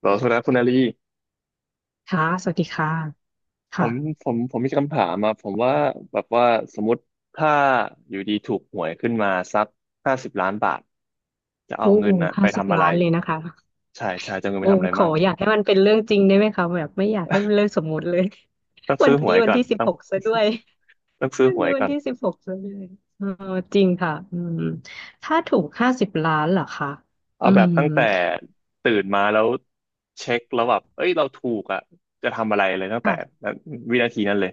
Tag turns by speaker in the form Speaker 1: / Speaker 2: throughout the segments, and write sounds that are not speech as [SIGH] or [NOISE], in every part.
Speaker 1: เหรอโทษนะคุณอาลี
Speaker 2: ค่ะสวัสดีค่ะ
Speaker 1: ผม
Speaker 2: ค่ะ
Speaker 1: ผมมีคำถามมาผมว่าแบบว่าสมมติถ้าอยู่ดีถูกหวยขึ้นมาสัก50 ล้านบาทจะเอา
Speaker 2: โอ้
Speaker 1: เงินน่ะไป
Speaker 2: ห้าสิบ
Speaker 1: ทำอะไร
Speaker 2: ล้านเลยนะคะ
Speaker 1: ใช่ใช่จะเอาเงินไป
Speaker 2: โอ้
Speaker 1: ทำอะไร
Speaker 2: ขอ
Speaker 1: มั่ง
Speaker 2: อยากให้มันเป็นเรื่องจริงได้ไหมคะแบบไม่อยากให้เป็นเรื่องสมมุติเลย
Speaker 1: ต้อง
Speaker 2: [LAUGHS] วั
Speaker 1: ซื้อ
Speaker 2: น
Speaker 1: หว
Speaker 2: นี้
Speaker 1: ย
Speaker 2: วัน
Speaker 1: ก่อน
Speaker 2: ที่สิบ
Speaker 1: ต้อง
Speaker 2: หกซะด้วย
Speaker 1: [LAUGHS] ต้องซื้อ
Speaker 2: วัน
Speaker 1: หว
Speaker 2: นี้
Speaker 1: ย
Speaker 2: วั
Speaker 1: ก่
Speaker 2: น
Speaker 1: อน
Speaker 2: ที่สิบหกซะด้วยเออจริงค่ะอืมถ้าถูกห้าสิบล้านเหรอคะ
Speaker 1: เอา
Speaker 2: อื
Speaker 1: แบบ
Speaker 2: ม
Speaker 1: ตั้งแต่ตื่นมาแล้วเช็คแล้วแบบเอ้ยเราถูกอ่ะจะทำอะไรเลยตั้งแต่วินาทีนั้นเลย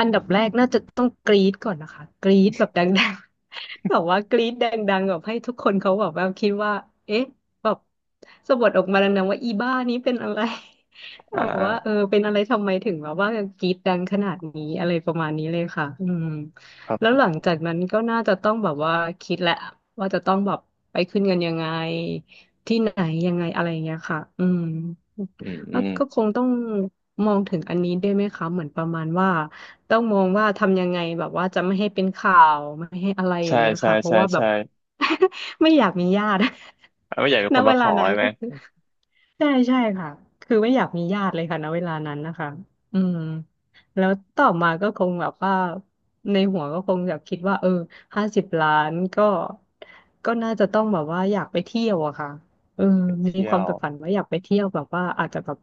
Speaker 2: อันดับแรกน่าจะต้องกรี๊ดก่อนนะคะกรี๊ดแบบดังๆ [LAUGHS] แบบว่ากรี๊ดดังๆแบบให้ทุกคนเขาแบบว่าคิดว่าเอ๊ะแบบสะบัดออกมาดังๆว่าอีบ้านี้เป็นอะไร [LAUGHS] แบ
Speaker 1: อ่
Speaker 2: บว่าเออ
Speaker 1: า
Speaker 2: เป็นอะไรทำไมถึงแบบว่ากรี๊ดดังขนาดนี้อะไรประมาณนี้เลยค่ะอืม
Speaker 1: ครับ
Speaker 2: แล้ว
Speaker 1: ผ
Speaker 2: ห
Speaker 1: ม
Speaker 2: ลังจากนั้นก็น่าจะต้องแบบว่าคิดแหละว่าจะต้องแบบไปขึ้นเงินยังไงที่ไหนยังไงอะไรอย่างเงี้ยค่ะอืม
Speaker 1: อืมอื
Speaker 2: แล้ว
Speaker 1: ม
Speaker 2: ก็คงต้องมองถึงอันนี้ด้วยไหมคะเหมือนประมาณว่า ต้องมองว่าทำยังไงแบบว่าจะไม่ให้เป็นข่าวไม่ให้อะไรอ
Speaker 1: ใช่
Speaker 2: ย่างเงี้ย
Speaker 1: ใช่
Speaker 2: ค่ะเพราะ
Speaker 1: ใช่
Speaker 2: ว่าแบบ
Speaker 1: ใช่
Speaker 2: [LAUGHS] ไม่อยากมีญาติ
Speaker 1: ไม่อยากเป็น
Speaker 2: [LAUGHS] ณ
Speaker 1: คน
Speaker 2: เว
Speaker 1: มาข
Speaker 2: ลา
Speaker 1: อ
Speaker 2: นั้น
Speaker 1: ใช่ไหม
Speaker 2: ก็คือ ใช่ใช่ค่ะ คือไม่อยากมีญาติเลยค่ะณเวลานั้นนะคะอืมแล้วต่อมาก็คงแบบว่าในหัวก็คงแบบคิดว่าเออห้าสิบล้านก็น่าจะต้องแบบว่าอยากไปเที่ยวอะค่ะเออ
Speaker 1: ไป
Speaker 2: มี
Speaker 1: เที่
Speaker 2: ค
Speaker 1: ย
Speaker 2: วาม
Speaker 1: ว
Speaker 2: ใฝ่ฝันว่าอยากไปเที่ยวแบบว่าอาจจะแบบ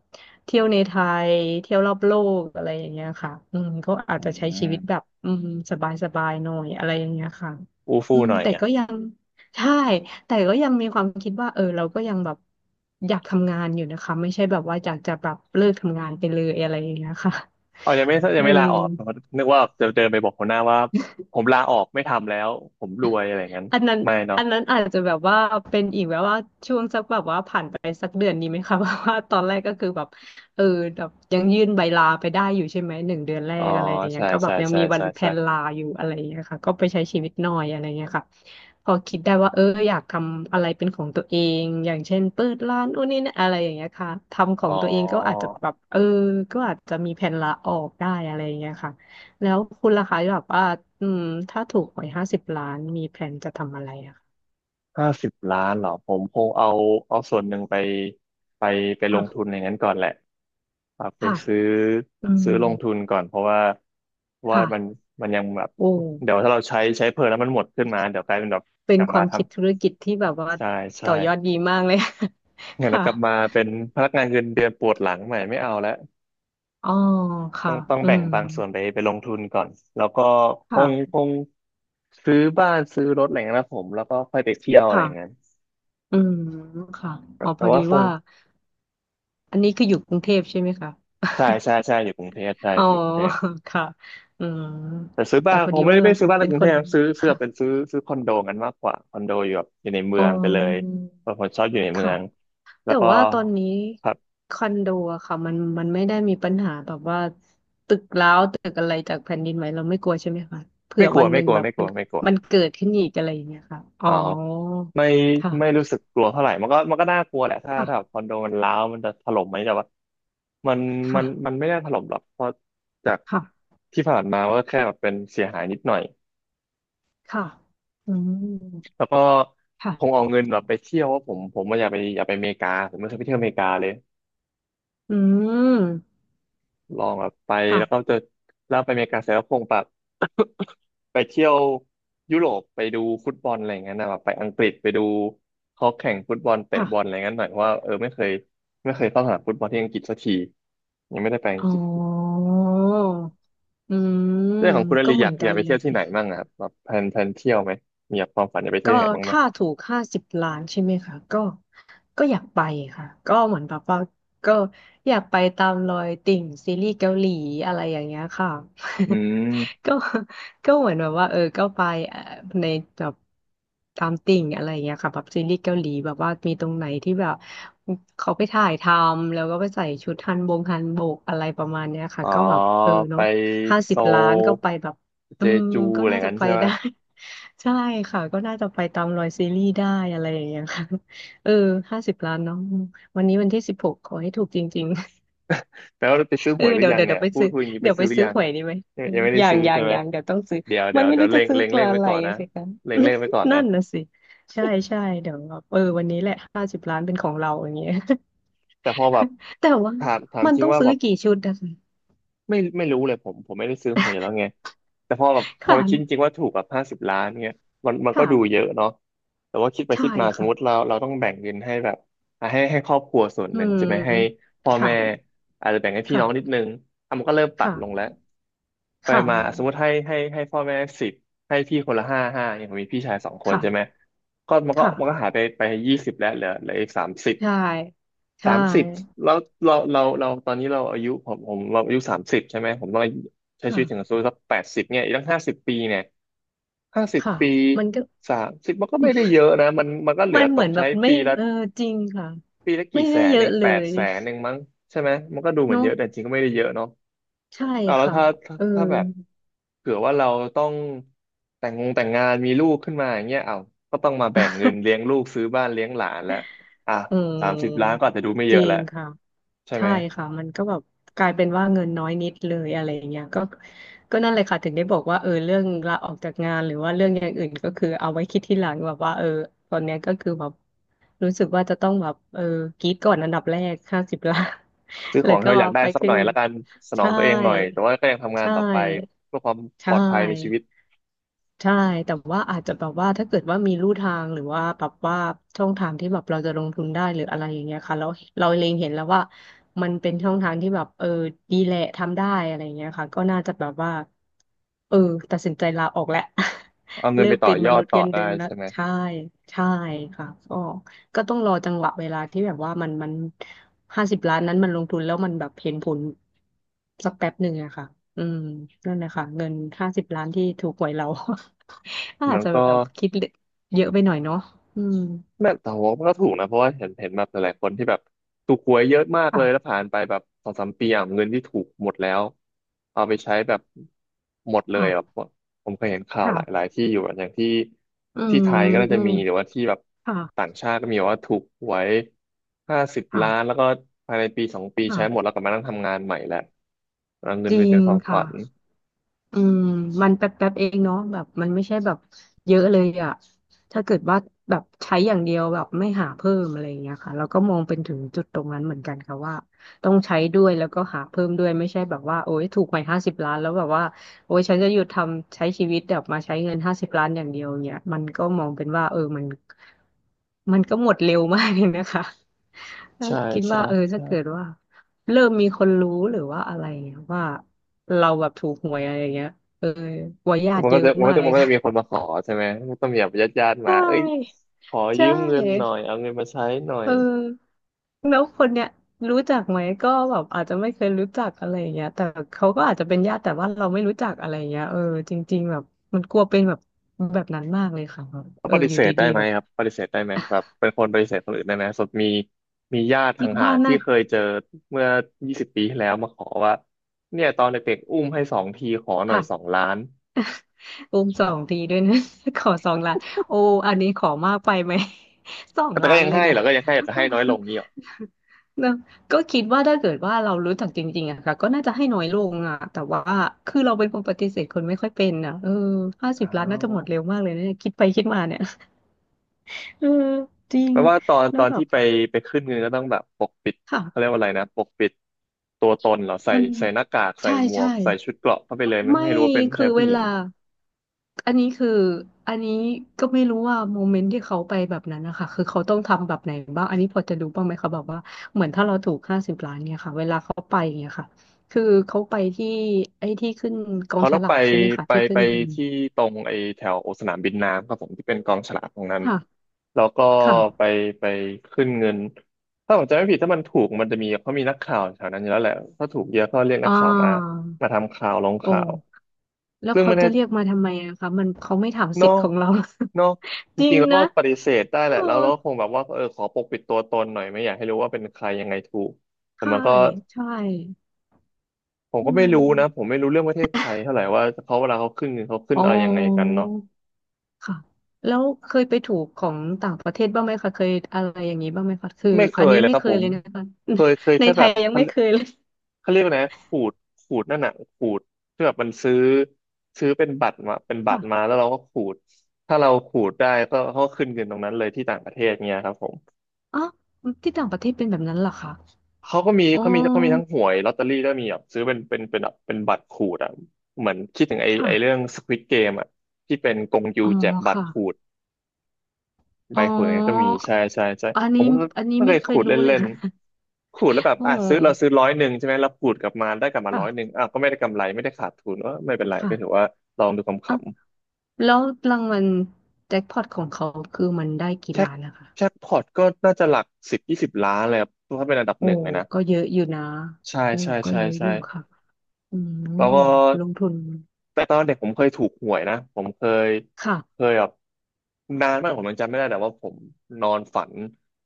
Speaker 2: เที่ยวในไทยเที่ยวรอบโลกอะไรอย่างเงี้ยค่ะอืมก็อาจ
Speaker 1: อื
Speaker 2: จะใช้ชีวิตแบ
Speaker 1: ม
Speaker 2: บอืมสบายๆหน่อยอะไรอย่างเงี้ยค่ะ
Speaker 1: อู้
Speaker 2: อื
Speaker 1: ฟู่
Speaker 2: ม
Speaker 1: หน่อย
Speaker 2: แต่
Speaker 1: อ่ะ
Speaker 2: ก็ยังใช่ แต่ก็ยังมีความคิดว่าเออเราก็ยังแบบอยากทำงานอยู่นะคะไม่ใช่แบบว่าอยากจะแบบเลิกทำงานไปเลยอะไรอย่างเงี้ยค่ะ
Speaker 1: เอายังไม่ยั
Speaker 2: อื
Speaker 1: งไม่ลาออกเนอะ
Speaker 2: ม
Speaker 1: นึกว่าจะเดินไปบอกหัวหน้าว่าผมลาออกไม่ทำแล้วผมรวยอะไรงั้น
Speaker 2: อันนั้น
Speaker 1: ไม่เนาะ
Speaker 2: อันนั้นอาจจะแบบว่าเป็นอีกแบบว่าช่วงสักแบบว่าผ่านไปสักเดือนนี้ไหมคะ [LAUGHS] เพราะว่าตอนแรกก็คือแบบเออแบบยังยื่นใบลาไปได้อยู่ใช่ไหม1 เดือนแร
Speaker 1: อ๋อ
Speaker 2: กอะไรอย่างเงี้ย
Speaker 1: ใช่
Speaker 2: ก็แบ
Speaker 1: ใช่
Speaker 2: บยัง
Speaker 1: ใช่
Speaker 2: มีวัน
Speaker 1: ใช่
Speaker 2: แพล
Speaker 1: ใช่
Speaker 2: นลาอยู่อะไรอย่างเงี้ยค่ะก็ไปใช้ชีวิตหน่อยอะไรเงี้ยค่ะพอคิดได้ว่าเอออยากทำอะไรเป็นของตัวเองอย่างเช่นเปิดร้านนู้นนี่นะอะไรอย่างเงี้ยค่ะทำข
Speaker 1: อ๋
Speaker 2: อง
Speaker 1: อ
Speaker 2: ตัวเองก็อาจจะแบบเออก็อาจจะมีแผนลาออกได้อะไรอย่างเงี้ยค่ะ แล้วคุณล่ะคะแบบว่าอืมถ้าถูกหวยห้าสิบล้านมีแผนจะทำอะไรอะ
Speaker 1: ห้าสิบล้านเหรอผมคงเอาส่วนหนึ่งไปไปลงทุน
Speaker 2: ค่ะ
Speaker 1: อย่างนั้นก่อนแหละเอาไป
Speaker 2: ค่ะ
Speaker 1: ซื้อ
Speaker 2: อืม
Speaker 1: ซื้อลงทุนก่อนเพราะว่า
Speaker 2: ค่ะ
Speaker 1: มันยังแบบ
Speaker 2: โอ้
Speaker 1: เดี๋ยวถ้าเราใช้เพลินแล้วมันหมดขึ้นมาเดี๋ยวกลายเป็นแบบ
Speaker 2: เป็
Speaker 1: ก
Speaker 2: น
Speaker 1: ลับ
Speaker 2: ค
Speaker 1: มา
Speaker 2: วาม
Speaker 1: ท
Speaker 2: คิดธุรกิจที่แบบว่า
Speaker 1: ำใช่ใช่
Speaker 2: ต่อยอดดีมากเลย [LAUGHS]
Speaker 1: เนี่ยนะ
Speaker 2: ค่ะ
Speaker 1: กลับมาเป็นพนักงานเงินเดือนปวดหลังใหม่ไม่เอาแล้ว
Speaker 2: อ๋อ
Speaker 1: ต้อ
Speaker 2: ค่ะ
Speaker 1: งต้อง
Speaker 2: อื
Speaker 1: แบ่ง
Speaker 2: ม
Speaker 1: บางส่วนไปลงทุนก่อนแล้วก็ค
Speaker 2: ค่ะ
Speaker 1: งคงซื้อบ้านซื้อรถอะไรเงี้ยนะผมแล้วก็ค่อยไปเที่ยวอะไรเงี้ย
Speaker 2: ค่ะอืมค่ะอ๋อพ
Speaker 1: แต่
Speaker 2: อ
Speaker 1: ว่า
Speaker 2: ดี
Speaker 1: คง
Speaker 2: ว่าอันนี้คืออยู่กรุงเทพใช่ไหมคะ
Speaker 1: ใช่ใช่ใช่อยู่กรุงเทพใช่
Speaker 2: [LAUGHS] อ๋อ
Speaker 1: อยู่กรุงเทพ
Speaker 2: ค่ะอืม
Speaker 1: แต่ซื้อ
Speaker 2: แต่
Speaker 1: บ้าน
Speaker 2: พอ
Speaker 1: คง
Speaker 2: ดี
Speaker 1: ไม่
Speaker 2: ว่า
Speaker 1: ได้ไป
Speaker 2: เรา
Speaker 1: ซื้อบ้านใน
Speaker 2: เป็น
Speaker 1: กรุ
Speaker 2: ค
Speaker 1: งเท
Speaker 2: น
Speaker 1: พซื้อ
Speaker 2: ค่ะ
Speaker 1: เป็นซื้อคอนโดกันมากกว่าคอนโดอยู่แบบอยู่ในเมื
Speaker 2: อ๋
Speaker 1: องไปเลย
Speaker 2: อ
Speaker 1: เพราะผมชอบอยู่ในเมื
Speaker 2: ค่ะ
Speaker 1: องแล้
Speaker 2: แต่
Speaker 1: วก็
Speaker 2: ว่าตอนนี้
Speaker 1: ครับ
Speaker 2: คอนโดอะค่ะมันไม่ได้มีปัญหาแบบว่าตึกร้าวตึกอะไรจากแผ่นดินไหวเราไม่กลัวใช่ไหมคะเผื่
Speaker 1: ไม่
Speaker 2: อ
Speaker 1: กลั
Speaker 2: วั
Speaker 1: ว
Speaker 2: นห
Speaker 1: ไม่
Speaker 2: นึ่ง
Speaker 1: กลัว
Speaker 2: แบบ
Speaker 1: ไม่ก
Speaker 2: มั
Speaker 1: ลัว
Speaker 2: น
Speaker 1: ไม่กลัว
Speaker 2: มันเกิดขึ้นอีกอะไรอย่างเงี้ยค่ะอ๋
Speaker 1: อ๋
Speaker 2: อ
Speaker 1: อไม่ไม่
Speaker 2: ค่ะ
Speaker 1: รู้สึกกลัวเท่าไหร่มันก็น่ากลัวแหละถ้า
Speaker 2: ค่ะ
Speaker 1: ถ้าคอนโดมันร้าวมันจะถล่มไหมแต่ว่ามันมั
Speaker 2: ค่ะ
Speaker 1: นมันไม่ได้ถล่มหรอกเพราะจาก
Speaker 2: ค่ะ
Speaker 1: ที่ผ่านมาก็แค่แบบเป็นเสียหายนิดหน่อย
Speaker 2: ค่ะอืม
Speaker 1: แล้วก็คง
Speaker 2: ค่ะ
Speaker 1: เอาเงินแบบไปเที่ยวว่าผมว่าอยากไปอเมริกาผมไม่เคยไปเที่ยวอเมริกาเลย
Speaker 2: อืม
Speaker 1: ลองแบบไป
Speaker 2: ค่ะ
Speaker 1: แล้วก็จะแล้วไปอเมริกาเสร็จแล้วคงแบบ [COUGHS] ไปเที่ยวยุโรปไปดูฟุตบอลอะไรอย่างเงี้ยนะแบบไปอังกฤษไปดูเขาแข่งฟุตบอลเตะ
Speaker 2: ค่ะ
Speaker 1: บอลอะไรเงี้ยหน่อยเพราะว่าไม่เคยเข้าสนามฟุตบอลที่อังกฤษสักทียังไม่ได้ไปอัง
Speaker 2: อ๋อ
Speaker 1: กฤษ
Speaker 2: อืม
Speaker 1: เรื่องของคุณอ
Speaker 2: ก็
Speaker 1: ลี
Speaker 2: เห
Speaker 1: อ
Speaker 2: มื
Speaker 1: ยา
Speaker 2: อ
Speaker 1: ก
Speaker 2: น
Speaker 1: อ
Speaker 2: กั
Speaker 1: ยาก
Speaker 2: น
Speaker 1: ไป
Speaker 2: เล
Speaker 1: เที่
Speaker 2: ย
Speaker 1: ยวที่ไหนมั่งอะครับแบบแพลนเที่ยวไหมมีแบบความฝันอยากไปเที่ยว
Speaker 2: ก็
Speaker 1: ที่ไหนบ้างไหม
Speaker 2: ถ้าถูกห้าสิบล้านใช่ไหมคะก็อยากไปค่ะก็เหมือนแบบว่าก็อยากไปตามรอยติ่งซีรีส์เกาหลีอะไรอย่างเงี้ยค่ะ
Speaker 1: อืม
Speaker 2: [LAUGHS] ก็ก็เหมือนแบบว่าเออก็ไปเอ่อในแบบตามติ่งอะไรอย่างเงี้ยค่ะแบบซีรีส์เกาหลีแบบว่ามีตรงไหนที่แบบเขาไปถ่ายทำแล้วก็ไปใส่ชุดฮันบงฮันบกอะไรประมาณเนี้ยค่ะ
Speaker 1: อ๋อ
Speaker 2: ก็แบบเออ
Speaker 1: ไป
Speaker 2: เนาะห้า
Speaker 1: โซ
Speaker 2: สิบ
Speaker 1: ล
Speaker 2: ล้านก็ไปแบบ
Speaker 1: เจ
Speaker 2: อืม
Speaker 1: จู
Speaker 2: ก็
Speaker 1: อะไร
Speaker 2: น่าจะ
Speaker 1: งั้น
Speaker 2: ไป
Speaker 1: ใช่ไหม
Speaker 2: ได้ ใช่ค่ะก็น่าจะไปตามรอยซีรีส์ได้อะไรอย่างเงี้ยค่ะ [LAUGHS] เออ50 ล้านเนาะวันนี้วันที่สิบหกขอให้ถูกจริงๆ
Speaker 1: แปลว่าไปซื้อ
Speaker 2: [LAUGHS]
Speaker 1: ห
Speaker 2: เออ
Speaker 1: วยหรือ
Speaker 2: เดี๋ยว
Speaker 1: ยัง
Speaker 2: เดี๋ยว
Speaker 1: เนี่
Speaker 2: เดี๋ย
Speaker 1: ย
Speaker 2: วไป
Speaker 1: พูด
Speaker 2: ซื้อ
Speaker 1: พูดอย่างนี้ไป
Speaker 2: เดี๋ยว
Speaker 1: ซื้
Speaker 2: ไป
Speaker 1: อหรือ
Speaker 2: ซื้อ
Speaker 1: ยัง
Speaker 2: หวยดีไหม
Speaker 1: ยัง
Speaker 2: เออ
Speaker 1: ยังไม่
Speaker 2: อ
Speaker 1: ได้
Speaker 2: ย่าง
Speaker 1: ซื้อ
Speaker 2: อย่า
Speaker 1: ใช่
Speaker 2: ง
Speaker 1: ไห
Speaker 2: อ
Speaker 1: ม
Speaker 2: ย่างเดี๋ยวต้องซื้อ
Speaker 1: เดี๋ยวเดี๋
Speaker 2: มั
Speaker 1: ย
Speaker 2: น
Speaker 1: ว
Speaker 2: ไม่
Speaker 1: เดี๋ย
Speaker 2: รู้
Speaker 1: วเล็
Speaker 2: จะ
Speaker 1: ง
Speaker 2: ซื้อ
Speaker 1: เล็ง
Speaker 2: ตั
Speaker 1: เล็
Speaker 2: ว
Speaker 1: ง
Speaker 2: อะ
Speaker 1: ไว้
Speaker 2: ไร
Speaker 1: ก่อน
Speaker 2: อะ
Speaker 1: นะ
Speaker 2: สิคะ
Speaker 1: เล็งไว้ก่อน
Speaker 2: [LAUGHS] นั่
Speaker 1: นะ
Speaker 2: นน่ะสิใช่ใช่เดี๋ยวแบบเออวันนี้แหละห้าสิบล้านเป็นของเราอย่างเงี้ย
Speaker 1: แต่พอแบบ
Speaker 2: [LAUGHS] แต่ว่า
Speaker 1: ถาม
Speaker 2: มัน
Speaker 1: จริ
Speaker 2: ต้
Speaker 1: ง
Speaker 2: อง
Speaker 1: ว่า
Speaker 2: ซื้
Speaker 1: แบ
Speaker 2: อ
Speaker 1: บ
Speaker 2: กี่ชุดนะคะ
Speaker 1: ไม่รู้เลยผมไม่ได้ซื้อหวยอยู่แล้วไงแต่พอแบบ
Speaker 2: ค
Speaker 1: พอไปคิดจริ
Speaker 2: ่ะ
Speaker 1: งว่าถูกแบบห้าสิบล้านเนี่ยมันก็ดูเย
Speaker 2: ค่ะ
Speaker 1: อะเนาะแต่ว่าคิดไป
Speaker 2: ใช่
Speaker 1: คิดมาสม
Speaker 2: ค่ะ
Speaker 1: มติเราต้องแบ่งเงินให้แบบอ่ะให้ครอบครัวส่วน
Speaker 2: อื
Speaker 1: หนึ่ง
Speaker 2: ม
Speaker 1: จะไหมให้พ่อ
Speaker 2: ค่ะ
Speaker 1: แม่อาจจะแบ่งให้พี่น้องนิด
Speaker 2: ค่ะ
Speaker 1: นึงอ่ะมันก็เริ่มตัดลง
Speaker 2: ค่ะ
Speaker 1: แล้วไป
Speaker 2: ค่
Speaker 1: มาสมมติ
Speaker 2: ะ
Speaker 1: ให้พ่อแม่สิบให้พี่คนละห้าอย่างผมมีพี่ชายสองคน
Speaker 2: ค่ะ
Speaker 1: ใช่ไหมก็มัน
Speaker 2: ค
Speaker 1: ก็มันก็หาย
Speaker 2: ่ะ
Speaker 1: ไป20แล้วเหลืออีกสามสิบ
Speaker 2: ใช่
Speaker 1: สา
Speaker 2: ใช่
Speaker 1: มสิบแล้วเราตอนนี้เราอายุผมเราอายุสามสิบใช่ไหมผมต้องใช้ชีวิตถึงอา
Speaker 2: ค่ะ
Speaker 1: ยุสัก80เนี่ยอีกตั้งห้าสิบปีเนี่ยห้าสิบ
Speaker 2: ค่ะ
Speaker 1: ปี
Speaker 2: มันก็
Speaker 1: สามสิบมันก็ไม่ได้เยอะนะมันก็เห
Speaker 2: [LAUGHS]
Speaker 1: ลื
Speaker 2: มั
Speaker 1: อ
Speaker 2: น
Speaker 1: ต
Speaker 2: เหมื
Speaker 1: ก
Speaker 2: อนแบ
Speaker 1: ใช้
Speaker 2: บไม่
Speaker 1: ปีละ
Speaker 2: เออจริงค่ะ ไม่
Speaker 1: กี่แส
Speaker 2: ได้
Speaker 1: น
Speaker 2: เย
Speaker 1: เอ
Speaker 2: อะ
Speaker 1: ง
Speaker 2: เล
Speaker 1: แปด
Speaker 2: ย
Speaker 1: แสนเองมั้งใช่ไหมมันก็ดูเหมือน
Speaker 2: เนาะ
Speaker 1: เยอะแต่จริงก็ไม่ได้เยอะเนาะ
Speaker 2: ใช่
Speaker 1: เอาแล้ว
Speaker 2: ค่ะ
Speaker 1: ถ้าถ้า
Speaker 2: เออ
Speaker 1: ถ้าแบบเผื่อว่าเราต้องแต่งงานมีลูกขึ้นมาอย่างเงี้ยเอาก็ต้องมาแบ่งเงินเลี้ยงลูกซื้อบ้านเลี้ยงหลานแล้วอ่ะ
Speaker 2: อื
Speaker 1: 30 ล้านก็
Speaker 2: ม
Speaker 1: อาจจะดูไม่
Speaker 2: จ
Speaker 1: เย
Speaker 2: ริ
Speaker 1: อะแล้
Speaker 2: ง
Speaker 1: ว
Speaker 2: ค่ะ
Speaker 1: ใช่
Speaker 2: ใช่
Speaker 1: ไหม
Speaker 2: ค่ะมันก็แบบกลายเป็นว่าเงินน้อยนิดเลยอะไรอย่างเงี้ยก็นั่นเลยค่ะถึงได้บอกว่าเออเรื่องลาออกจากงานหรือว่าเรื่องอย่างอื่นก็คือเอาไว้คิดทีหลังแบบว่าเออตอนเนี้ยก็คือแบบรู้สึกว่าจะต้องแบบเออกรีดก่อนอันดับแรกห้าสิบล้าน
Speaker 1: ซื้อ
Speaker 2: [LAUGHS]
Speaker 1: ข
Speaker 2: แล้
Speaker 1: อ
Speaker 2: ว
Speaker 1: งที่
Speaker 2: ก็
Speaker 1: เราอยากได้
Speaker 2: ไป
Speaker 1: สักห
Speaker 2: ขึ้
Speaker 1: น่
Speaker 2: น
Speaker 1: อยละกันสนอง
Speaker 2: ใช่
Speaker 1: ตัวเองหน่อยแต่ว่าก็ยังทำ
Speaker 2: ใช
Speaker 1: งานต่อไป
Speaker 2: ่
Speaker 1: เพื่อความ
Speaker 2: ใช
Speaker 1: ปลอดภัยในชี
Speaker 2: ่
Speaker 1: วิต
Speaker 2: ใช่ แต่ว่าอาจจะแบบว่าถ้าเกิดว่ามีลู่ทางหรือว่าแบบว่าช่องทางที่แบบเราจะลงทุนได้หรืออะไรอย่างเงี้ยค่ะแล้วเราเล็งเห็นแล้วว่ามันเป็นช่องทางที่แบบเออดีแหละทำได้อะไรอย่างเงี้ยค่ะก็น่าจะแบบว่าเออตัดสินใจลาออกแหละ
Speaker 1: เอา
Speaker 2: [LAUGHS]
Speaker 1: เงิ
Speaker 2: เลิ
Speaker 1: นไป
Speaker 2: ก
Speaker 1: ต่อ
Speaker 2: เป็น
Speaker 1: ย
Speaker 2: ม
Speaker 1: อด
Speaker 2: นุษย์
Speaker 1: ต่อ
Speaker 2: เงิน
Speaker 1: ได้
Speaker 2: เดือนแล้ว
Speaker 1: ใช่ไหม
Speaker 2: ใช่ใช่ค่ะก็ต้องรอจังหวะเวลาที่แบบว่ามันห้าสิบล้านนั้นมันลงทุนแล้วมันแบบเห็นผลสักแป๊บหนึ่งอะค่ะอืมนั่นแหละค่ะเงินห้าสิบล้านที่ถูกหวยเรา [LAUGHS]
Speaker 1: มั
Speaker 2: อาจ
Speaker 1: น
Speaker 2: จะ
Speaker 1: ก็
Speaker 2: แบบคิดเยอะไปหน่อยเนาะอืม
Speaker 1: แม่แต่ว่ามันก็ถูกนะเพราะว่าเห็นแบบหลายๆคนที่แบบถูกหวยเยอะมากเลยแล้ว
Speaker 2: ค่ะ
Speaker 1: ผ่านไปแบบสองสามปีอ่ะเงินที่ถูกหมดแล้วเอาไปใช้แบบหมดเลยอ่ะผ
Speaker 2: ค่ะ
Speaker 1: มผมเคยเห็นข่าวหลายห
Speaker 2: ค่ะ
Speaker 1: ลายที่อยู่อะอย่างที่
Speaker 2: อื
Speaker 1: ที่ไทยก็น่า
Speaker 2: ม
Speaker 1: จะมีหรือว่าที่แบบ
Speaker 2: ค่ะ
Speaker 1: ต่างชาติก็มีว่าถูกหวย50 ล้านแล้ว
Speaker 2: ค่ะ
Speaker 1: ก็ภายในปีสองปีใช้หมดแล้
Speaker 2: ค่ะ
Speaker 1: วกลับมานั่งทำงานใหม่แหละเอาเงิ
Speaker 2: จ
Speaker 1: นไป
Speaker 2: ริ
Speaker 1: เป็น
Speaker 2: ง
Speaker 1: ความฝั
Speaker 2: ค่ะ
Speaker 1: น
Speaker 2: อืมมันแป๊บแป๊บเองเนาะแบบมันไม่ใช่แบบเยอะเลยอะถ้าเกิดว่าแบบใช้อย่างเดียวแบบไม่หาเพิ่มอะไรอย่างเงี้ยค่ะแล้วก็มองเป็นถึงจุดตรงนั้นเหมือนกันค่ะว่าต้องใช้ด้วยแล้วก็หาเพิ่มด้วยไม่ใช่แบบว่าโอ้ยถูกหวยห้าสิบล้านแล้วแบบว่าโอ้ยฉันจะหยุดทำใช้ชีวิตแบบมาใช้เงินห้าสิบล้านอย่างเดียวเนี่ยมันก็มองเป็นว่าเออมันก็หมดเร็วมากเลยนะคะ [LAUGHS] แล้ว
Speaker 1: ใช่
Speaker 2: คิด
Speaker 1: ใช่
Speaker 2: ว่าเออถ้าเกิด
Speaker 1: ใช่
Speaker 2: ว่าเริ่มมีคนรู้หรือว่าอะไรเนี่ยว่า เราแบบถูกหวยอะไรอย่างเงี้ยเออวัยญา
Speaker 1: มั
Speaker 2: ติ
Speaker 1: น
Speaker 2: เย
Speaker 1: ก็
Speaker 2: อะ
Speaker 1: จะมันก็
Speaker 2: มาก
Speaker 1: จะ
Speaker 2: เล
Speaker 1: มั
Speaker 2: ย
Speaker 1: นก็
Speaker 2: ค่ะ
Speaker 1: จะมีคนมาขอใช่ไหมมันต้องมีแบบญาติ
Speaker 2: [LAUGHS] ใช
Speaker 1: มาเอ้ย
Speaker 2: ่
Speaker 1: ขอ
Speaker 2: ใช
Speaker 1: ยืมเงินหน่อ
Speaker 2: ่
Speaker 1: ยเอาเงินมาใช้หน่อย
Speaker 2: เออแล้วคนเนี้ยรู้จักไหมก็แบบอาจจะไม่เคยรู้จักอะไรอย่างเงี้ยแต่เขาก็อาจจะเป็นญาติแต่ว่าเราไม่รู้จักอะไรอย่างเงี้ยเออจริงๆแบบมันกลัวเป็นแบบแบบนั้นมากเลยค่ะแบบ
Speaker 1: เขา
Speaker 2: เอ
Speaker 1: ป
Speaker 2: อ
Speaker 1: ฏิ
Speaker 2: อยู่
Speaker 1: เสธได้
Speaker 2: ดี
Speaker 1: ไห
Speaker 2: ๆ
Speaker 1: ม
Speaker 2: แบบ
Speaker 1: ครับปฏิเสธได้ไหมแบบเป็นคนปฏิเสธคนอื่นได้ไหมสมมติมีญาติ
Speaker 2: คิด
Speaker 1: ห่า
Speaker 2: ว่า
Speaker 1: งๆที่
Speaker 2: น่า
Speaker 1: เคยเจอเมื่อ20 ปีที่แล้วมาขอว่าเนี่ยตอนเด็กๆอุ้มให้สองทีขอหน่อย
Speaker 2: ค่ะ
Speaker 1: 2 ล้าน
Speaker 2: โอมสองทีด้วยนะ [LAUGHS] ขอ2 ล้านโออันนี้ขอมากไปไหม [LAUGHS] สอง
Speaker 1: แต่
Speaker 2: ล้า
Speaker 1: ก็
Speaker 2: น
Speaker 1: ยัง
Speaker 2: เลย
Speaker 1: ให้เห
Speaker 2: นะ
Speaker 1: รอก็ยังให้แต่ให้น้อยลงนี่หรอ
Speaker 2: นะก็คิดว่าถ้าเกิดว่าเรารู้จักจริงๆอะค่ะก็น่าจะให้น้อยลงอะแต่ว่าคือเราเป็นคนปฏิเสธคนไม่ค่อยเป็นอะเออห้าสิ
Speaker 1: อ้า
Speaker 2: บล้านน่าจะ
Speaker 1: ว
Speaker 2: หมดเร็วมากเลยนะเนี่ยคิดไปคิดมาเนี่ยเออจริ
Speaker 1: แป
Speaker 2: ง
Speaker 1: ลว่าตอน
Speaker 2: แล้
Speaker 1: ตอ
Speaker 2: ว
Speaker 1: น
Speaker 2: แบ
Speaker 1: ที่
Speaker 2: บ
Speaker 1: ไปขึ้นเงินก็ต้องแบบปกปิดเขาเรียก
Speaker 2: ค่ะ
Speaker 1: ว่าอะไรนะปกปิดตัวตนเหรอ
Speaker 2: มัน
Speaker 1: ใส่หน้ากากใส่
Speaker 2: ใช่
Speaker 1: หมว
Speaker 2: ใช่
Speaker 1: กใส่ชุดเกราะเข้าไปเลย
Speaker 2: ไม่
Speaker 1: ไม่รู้ว่าเป็นผู้
Speaker 2: คือ
Speaker 1: ชาย
Speaker 2: เว
Speaker 1: ผู้หญิง
Speaker 2: ลาอันนี้คืออันนี้ก็ไม่รู้ว่าโมเมนต์ที่เขาไปแบบนั้นนะคะคือเขาต้องทำแบบไหนบ้างอันนี้พอจะรู้บ้างไหมคะแบบว่าเหมือนถ้าเราถูกห้าสิบล้านเนี่ยค่ะเวลาเขาไปอย่างเงี้ยค่ะคือเขาไปที่ไอ้ที่ขึ้นกอง
Speaker 1: เขา
Speaker 2: ฉ
Speaker 1: ต้อง
Speaker 2: ลา
Speaker 1: ไป
Speaker 2: กใช่ไหมคะ
Speaker 1: ไป
Speaker 2: ที่ขึ้
Speaker 1: ไป
Speaker 2: น
Speaker 1: ที่ตรงไอ้แถวสนามบินน้ำครับผมที่เป็นกองฉลากตรงนั้น
Speaker 2: ค่ะ
Speaker 1: แล้วก็
Speaker 2: ค่ะ
Speaker 1: ไปไปขึ้นเงินถ้าผมจำไม่ผิดถ้ามันถูกมันจะมีเขามีนักข่าวแถวนั้นอยู่แล้วแหละถ้าถูกเยอะก็เรียกนัก
Speaker 2: อ่า
Speaker 1: ข่าวมามาทำข่าวลง
Speaker 2: โอ
Speaker 1: ข่าว
Speaker 2: ้แล้ว
Speaker 1: ซึ่ง
Speaker 2: เขา
Speaker 1: ไม่
Speaker 2: จะ
Speaker 1: แน่
Speaker 2: เรียกมาทำไมอะคะมันเขาไม่ถามสิ
Speaker 1: เนาะ
Speaker 2: ทธิ์ของเรา
Speaker 1: เนาะ
Speaker 2: [LAUGHS]
Speaker 1: จ
Speaker 2: จริ
Speaker 1: ริ
Speaker 2: ง
Speaker 1: งๆแล้วก็
Speaker 2: นะ
Speaker 1: ปฏิเสธได้
Speaker 2: เอ
Speaker 1: แห
Speaker 2: อ
Speaker 1: ละแล้วเราก็คงแบบว่าเออขอปกปิดตัวตนหน่อยไม่อยากให้รู้ว่าเป็นใครยังไงถูกแต่
Speaker 2: ใช่
Speaker 1: มันก็
Speaker 2: ใช่
Speaker 1: ผม
Speaker 2: อื
Speaker 1: ก็ไม่รู้นะผ
Speaker 2: ม
Speaker 1: มไม่รู้เรื่องประเทศไทยเท่าไหร่ว่าเขาเวลาเขาขึ้นเงินเขาขึ้น
Speaker 2: อ๋
Speaker 1: อะไรยังไงกัน
Speaker 2: อ
Speaker 1: เนาะ
Speaker 2: ค่ะแล้วเคยไปถูกของต่างประเทศบ้างไหมคะเคยอะไรอย่างนี้บ้างไหมคะคือ
Speaker 1: ไม่เค
Speaker 2: อัน
Speaker 1: ย
Speaker 2: นี้
Speaker 1: เลย
Speaker 2: ไม่
Speaker 1: ครับ
Speaker 2: เค
Speaker 1: ผ
Speaker 2: ย
Speaker 1: ม
Speaker 2: เลยนะคะ
Speaker 1: เคย
Speaker 2: [LAUGHS] ใน
Speaker 1: แค่
Speaker 2: ไท
Speaker 1: แบ
Speaker 2: ย
Speaker 1: บ
Speaker 2: ยังไม่เคยเลย
Speaker 1: เขาเรียกว่าไงขูดขูดนั่นน่ะขูดที่แบบมันซื้อซื้อเป็นบัตรมา
Speaker 2: ค่ะ
Speaker 1: แล้วเราก็ขูดถ้าเราขูดได้ก็เขาก็ขึ้นเงินตรงนั้นเลยที่ต่างประเทศเงี้ยครับผม
Speaker 2: อ๋อที่ต่างประเทศเป็นแบบนั้นเหรอคะ
Speaker 1: เขาก็มี
Speaker 2: อ๋อ
Speaker 1: เขามีทั้งหวยลอตเตอรี่ก็มีแบบซื้อเป็นบัตรขูดอ่ะเหมือนคิดถึงไอ้เรื่อง
Speaker 2: ค่ะ
Speaker 1: Squid Game อ่ะที่เป็นกงยู
Speaker 2: อ๋อ
Speaker 1: แจกบัตร
Speaker 2: ค่ะ
Speaker 1: ขูดใบ
Speaker 2: อ๋
Speaker 1: หวยก็มี
Speaker 2: อ
Speaker 1: ใช่ใช่ใช่
Speaker 2: อัน
Speaker 1: ผม
Speaker 2: นี้
Speaker 1: ก็
Speaker 2: อันนี้
Speaker 1: ก็เค
Speaker 2: ไม่
Speaker 1: ย
Speaker 2: เค
Speaker 1: ขู
Speaker 2: ย
Speaker 1: ด
Speaker 2: รู้เล
Speaker 1: เล่
Speaker 2: ย
Speaker 1: น
Speaker 2: ค่ะ
Speaker 1: ๆ ขูดแล้วแบ
Speaker 2: [LAUGHS]
Speaker 1: บ
Speaker 2: อ๋อ
Speaker 1: อ่ะซื้อร้อยหนึ่งใช่ไหมเราขูดกลับมาได้กลับมาร้
Speaker 2: ค่ะ
Speaker 1: อยหนึ่งอ่ะก็ไม่ได้กำไรไม่ได้ขาดทุนว่าไม่เป็นไรก็ถือ
Speaker 2: ค่ะ
Speaker 1: ว่าลองดูคำ
Speaker 2: อ่ะแล้วรางวัลแจ็คพอตของเขาคือมันได้
Speaker 1: ๆ
Speaker 2: กี่ล้านนะคะ
Speaker 1: แจ็คพอตก็น่าจะหลัก10-20 ล้านเลยครับถ้าเป็นอันดับ
Speaker 2: โอ้
Speaker 1: หนึ่งเลยนะ
Speaker 2: ก็เยอะอยู่นะ
Speaker 1: ใช่
Speaker 2: โอ้
Speaker 1: ใช่
Speaker 2: ก็
Speaker 1: ใช่
Speaker 2: เยอะอ
Speaker 1: ใช่
Speaker 2: ยู่ค่ะอืม
Speaker 1: แล้วก็
Speaker 2: ลงทุน
Speaker 1: แต่ตอนเด็กผมเคยถูกหวยนะ ผมเคย
Speaker 2: ค่ะ
Speaker 1: เคยแบบนานมากผมยังจำไม่ได้แต่ว่าผมนอนฝัน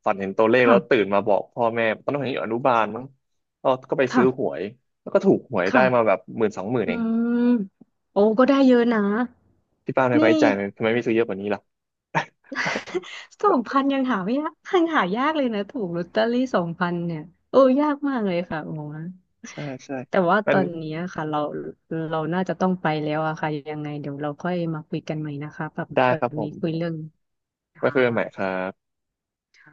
Speaker 1: เห็นตัวเลขแล้วตื่
Speaker 2: ค่ะ
Speaker 1: นมาบอกพ่อแม่ตอนนั้นผมอยู่อนุบาลมั้งก็ไปซื้อหว
Speaker 2: ค่ะ
Speaker 1: ยแล้วก็ถูกหวยได้มาแบ
Speaker 2: ค่ะ
Speaker 1: บหมื่น2 หมื่น
Speaker 2: อื
Speaker 1: เอง
Speaker 2: มโอ้ก็ได้เยอะนะ
Speaker 1: ที่ป้าไม่ไว้
Speaker 2: นี่
Speaker 1: ใจไหมทำไมไม่ซื้อเยอะกว่านี้ล่ะ
Speaker 2: [LAUGHS] 2,000ยังหาไม่ยากยังหายากเลยนะถูกลอตเตอรี่สองพันเนี่ย โอ้ยากมากเลยค่ะโอ้โ
Speaker 1: [LAUGHS] ใช่ใช่
Speaker 2: แต่ว่า
Speaker 1: มั
Speaker 2: ต
Speaker 1: น
Speaker 2: อนนี้อะค่ะเราเราน่าจะต้องไปแล้วอะค่ะ ยังไงเดี๋ยวเราค่อยมาคุยกันใหม่นะคะแบบ
Speaker 1: ได้
Speaker 2: วั
Speaker 1: ครับ
Speaker 2: น
Speaker 1: ผ
Speaker 2: นี้
Speaker 1: ม
Speaker 2: คุยเรื่อง
Speaker 1: ไว้
Speaker 2: ค่
Speaker 1: คุยกันใหม่ครับ
Speaker 2: ะ